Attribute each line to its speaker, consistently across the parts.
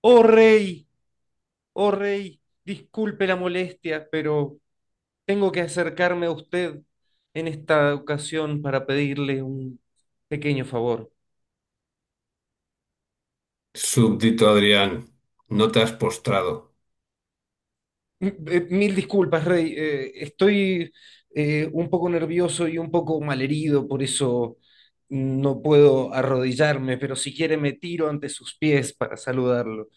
Speaker 1: Oh rey, oh rey, disculpe la molestia, pero tengo que acercarme a usted en esta ocasión para pedirle un pequeño favor.
Speaker 2: Súbdito Adrián, no te has postrado.
Speaker 1: Mil disculpas, rey, estoy, un poco nervioso y un poco malherido, por eso no puedo arrodillarme, pero si quiere me tiro ante sus pies para saludarlo.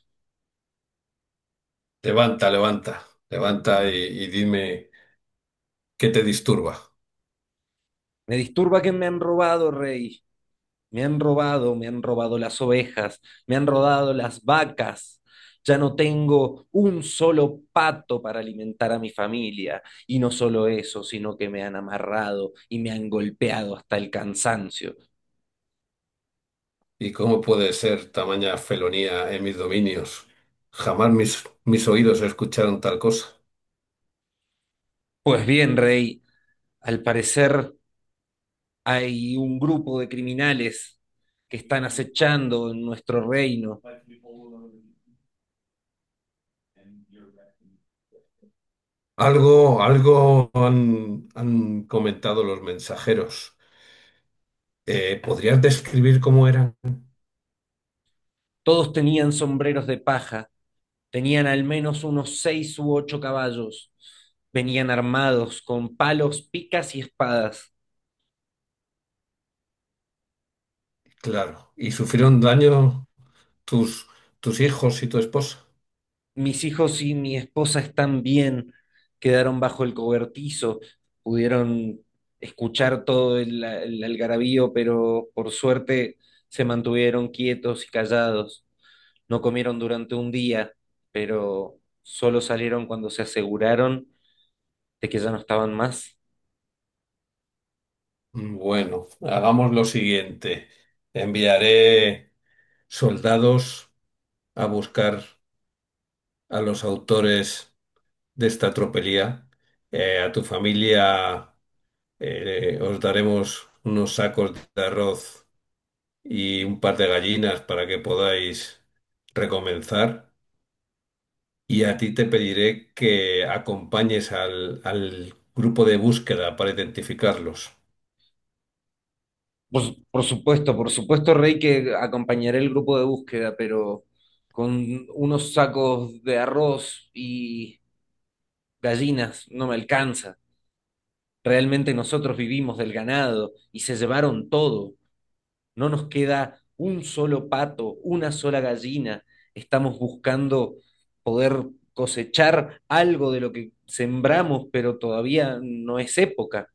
Speaker 2: Levanta, levanta, levanta y dime qué te disturba.
Speaker 1: Me disturba que me han robado, rey. Me han robado las ovejas, me han robado las vacas. Ya no tengo un solo pato para alimentar a mi familia. Y no solo eso, sino que me han amarrado y me han golpeado hasta el cansancio.
Speaker 2: Y cómo puede ser tamaña felonía en mis dominios. Jamás mis oídos escucharon tal cosa.
Speaker 1: Pues bien, rey, al parecer hay un grupo de criminales que están acechando en nuestro reino.
Speaker 2: Algo han comentado los mensajeros. ¿podrías describir cómo eran?
Speaker 1: Todos tenían sombreros de paja. Tenían al menos unos seis u ocho caballos. Venían armados con palos, picas y espadas.
Speaker 2: Claro. ¿Y sufrieron daño tus, tus hijos y tu esposa?
Speaker 1: Mis hijos y mi esposa están bien. Quedaron bajo el cobertizo. Pudieron escuchar todo el algarabío, pero por suerte se mantuvieron quietos y callados. No comieron durante un día, pero solo salieron cuando se aseguraron de que ya no estaban más.
Speaker 2: Bueno, hagamos lo siguiente. Enviaré soldados a buscar a los autores de esta tropelía. A tu familia os daremos unos sacos de arroz y un par de gallinas para que podáis recomenzar. Y a ti te pediré que acompañes al grupo de búsqueda para identificarlos.
Speaker 1: Por supuesto, Rey, que acompañaré el grupo de búsqueda, pero con unos sacos de arroz y gallinas no me alcanza. Realmente nosotros vivimos del ganado y se llevaron todo. No nos queda un solo pato, una sola gallina. Estamos buscando poder cosechar algo de lo que sembramos, pero todavía no es época.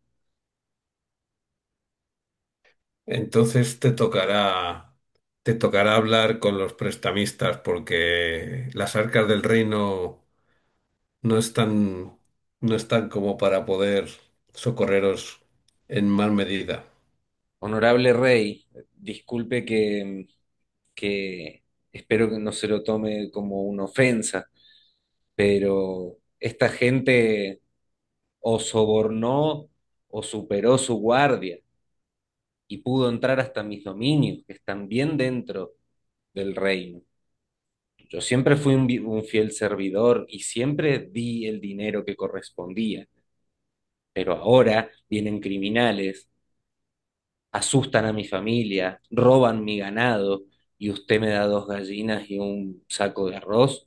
Speaker 2: Entonces te tocará. Te tocará hablar con los prestamistas porque las arcas del reino no están, no están como para poder socorreros en mal medida.
Speaker 1: Honorable Rey, disculpe que que espero que no se lo tome como una ofensa, pero esta gente o sobornó o superó su guardia y pudo entrar hasta mis dominios, que están bien dentro del reino. Yo siempre fui un fiel servidor y siempre di el dinero que correspondía, pero ahora vienen criminales, asustan a mi familia, roban mi ganado y usted me da dos gallinas y un saco de arroz.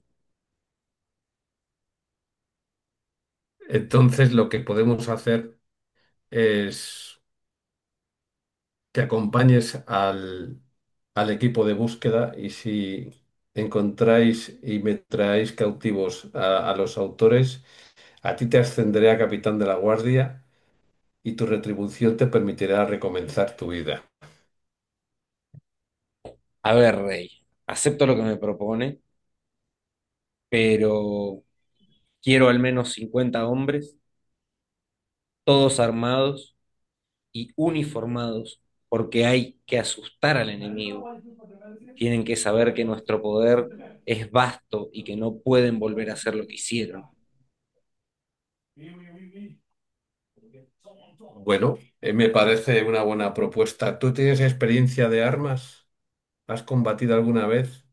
Speaker 2: Entonces, lo que podemos hacer es que acompañes al equipo de búsqueda, y si encontráis y me traéis cautivos a los autores, a ti te ascenderé a capitán de la guardia y tu retribución te permitirá recomenzar tu vida.
Speaker 1: A ver, Rey, acepto lo que me propone, pero quiero al menos 50 hombres, todos armados y uniformados, porque hay que asustar al enemigo. Tienen que saber que nuestro poder es vasto y que no pueden volver a hacer lo que hicieron.
Speaker 2: Bueno, me parece una buena propuesta. ¿Tú tienes experiencia de armas? ¿Has combatido alguna vez?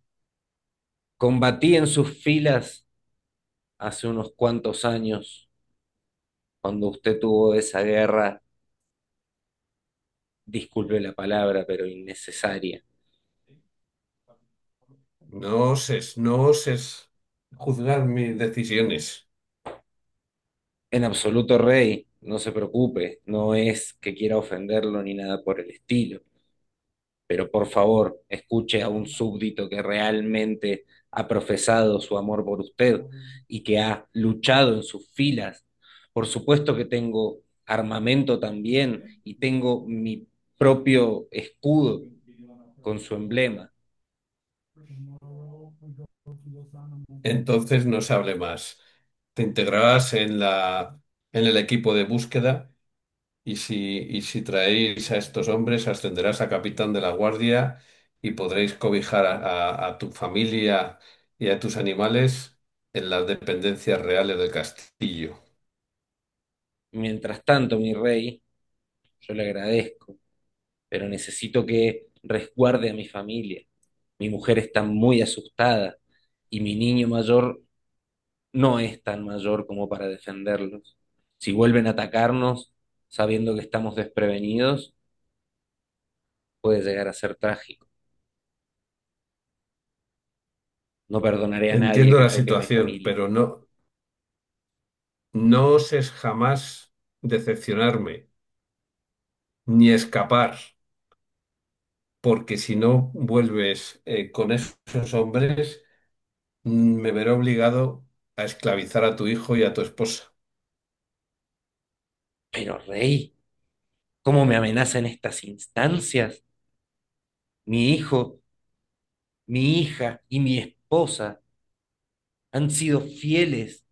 Speaker 1: Combatí en sus filas hace unos cuantos años, cuando usted tuvo esa guerra, disculpe la palabra, pero innecesaria.
Speaker 2: No oses juzgar mis decisiones.
Speaker 1: En absoluto, Rey, no se preocupe, no es que quiera ofenderlo ni nada por el estilo, pero por favor, escuche a un súbdito que realmente ha profesado su amor por usted y que ha luchado en sus filas. Por supuesto que tengo armamento también y tengo mi propio escudo con su emblema.
Speaker 2: Entonces no se hable más. Te integrarás en en el equipo de búsqueda, y si, y si traéis a estos hombres, ascenderás a capitán de la guardia y podréis cobijar a tu familia y a tus animales en las dependencias reales del castillo.
Speaker 1: Mientras tanto, mi rey, yo le agradezco, pero necesito que resguarde a mi familia. Mi mujer está muy asustada y mi niño mayor no es tan mayor como para defenderlos. Si vuelven a atacarnos sabiendo que estamos desprevenidos, puede llegar a ser trágico. No perdonaré a nadie
Speaker 2: Entiendo
Speaker 1: que
Speaker 2: la
Speaker 1: toque a mi
Speaker 2: situación,
Speaker 1: familia.
Speaker 2: pero no oses jamás decepcionarme, ni escapar, porque si no vuelves con esos hombres, me veré obligado a esclavizar a tu hijo y a tu esposa.
Speaker 1: Pero, rey, ¿cómo me amenazan estas instancias? Mi hijo, mi hija y mi esposa han sido fieles.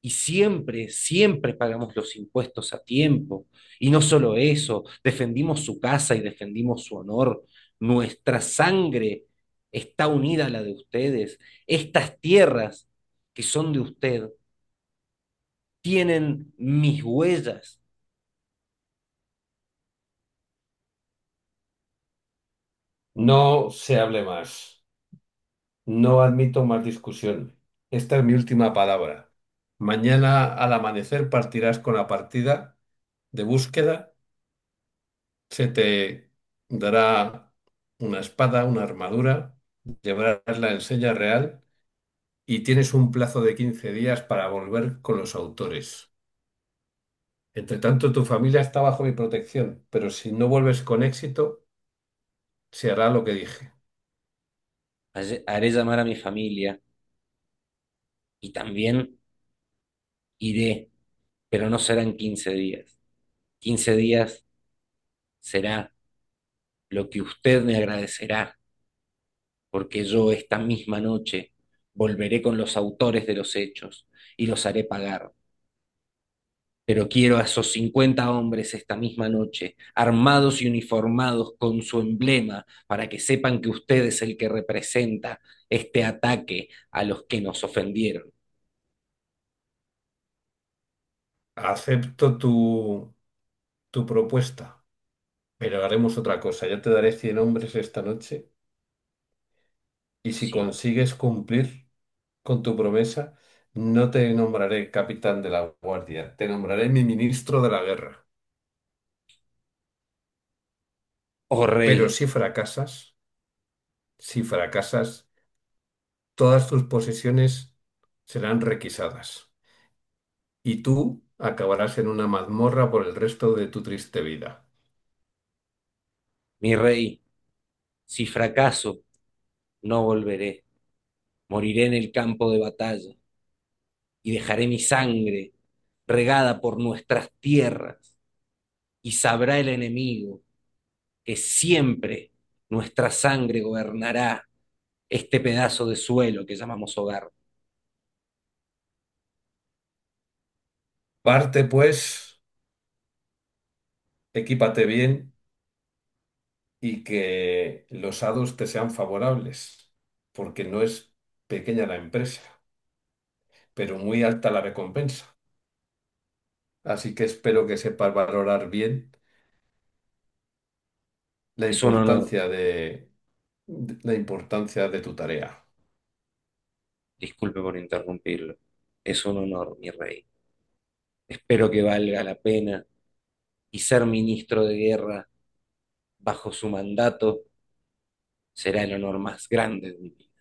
Speaker 1: Y siempre, siempre pagamos los impuestos a tiempo. Y no solo eso, defendimos su casa y defendimos su honor. Nuestra sangre está unida a la de ustedes. Estas tierras que son de usted tienen mis huellas.
Speaker 2: No se hable más, no admito más discusión. Esta es mi última palabra. Mañana al amanecer partirás con la partida de búsqueda, se te dará una espada, una armadura, llevarás la enseña real y tienes un plazo de 15 días para volver con los autores. Entre tanto, tu familia está bajo mi protección, pero si no vuelves con éxito, se hará lo que dije.
Speaker 1: Haré llamar a mi familia y también iré, pero no serán 15 días. 15 días será lo que usted me agradecerá porque yo esta misma noche volveré con los autores de los hechos y los haré pagar. Pero quiero a esos 50 hombres esta misma noche, armados y uniformados con su emblema, para que sepan que usted es el que representa este ataque a los que nos ofendieron.
Speaker 2: Acepto tu propuesta, pero haremos otra cosa. Yo te daré 100 hombres esta noche, y si
Speaker 1: Sí.
Speaker 2: consigues cumplir con tu promesa, no te nombraré capitán de la guardia, te nombraré mi ministro de la guerra.
Speaker 1: Oh
Speaker 2: Pero
Speaker 1: rey,
Speaker 2: si fracasas, todas tus posesiones serán requisadas, y tú acabarás en una mazmorra por el resto de tu triste vida.
Speaker 1: mi rey, si fracaso, no volveré. Moriré en el campo de batalla y dejaré mi sangre regada por nuestras tierras y sabrá el enemigo que siempre nuestra sangre gobernará este pedazo de suelo que llamamos hogar.
Speaker 2: Parte, pues, equípate bien y que los hados te sean favorables, porque no es pequeña la empresa, pero muy alta la recompensa. Así que espero que sepas valorar bien la
Speaker 1: Es un honor,
Speaker 2: importancia de, la importancia de tu tarea.
Speaker 1: disculpe por interrumpirlo, es un honor, mi rey. Espero que valga la pena y ser ministro de guerra bajo su mandato será el honor más grande de mi vida.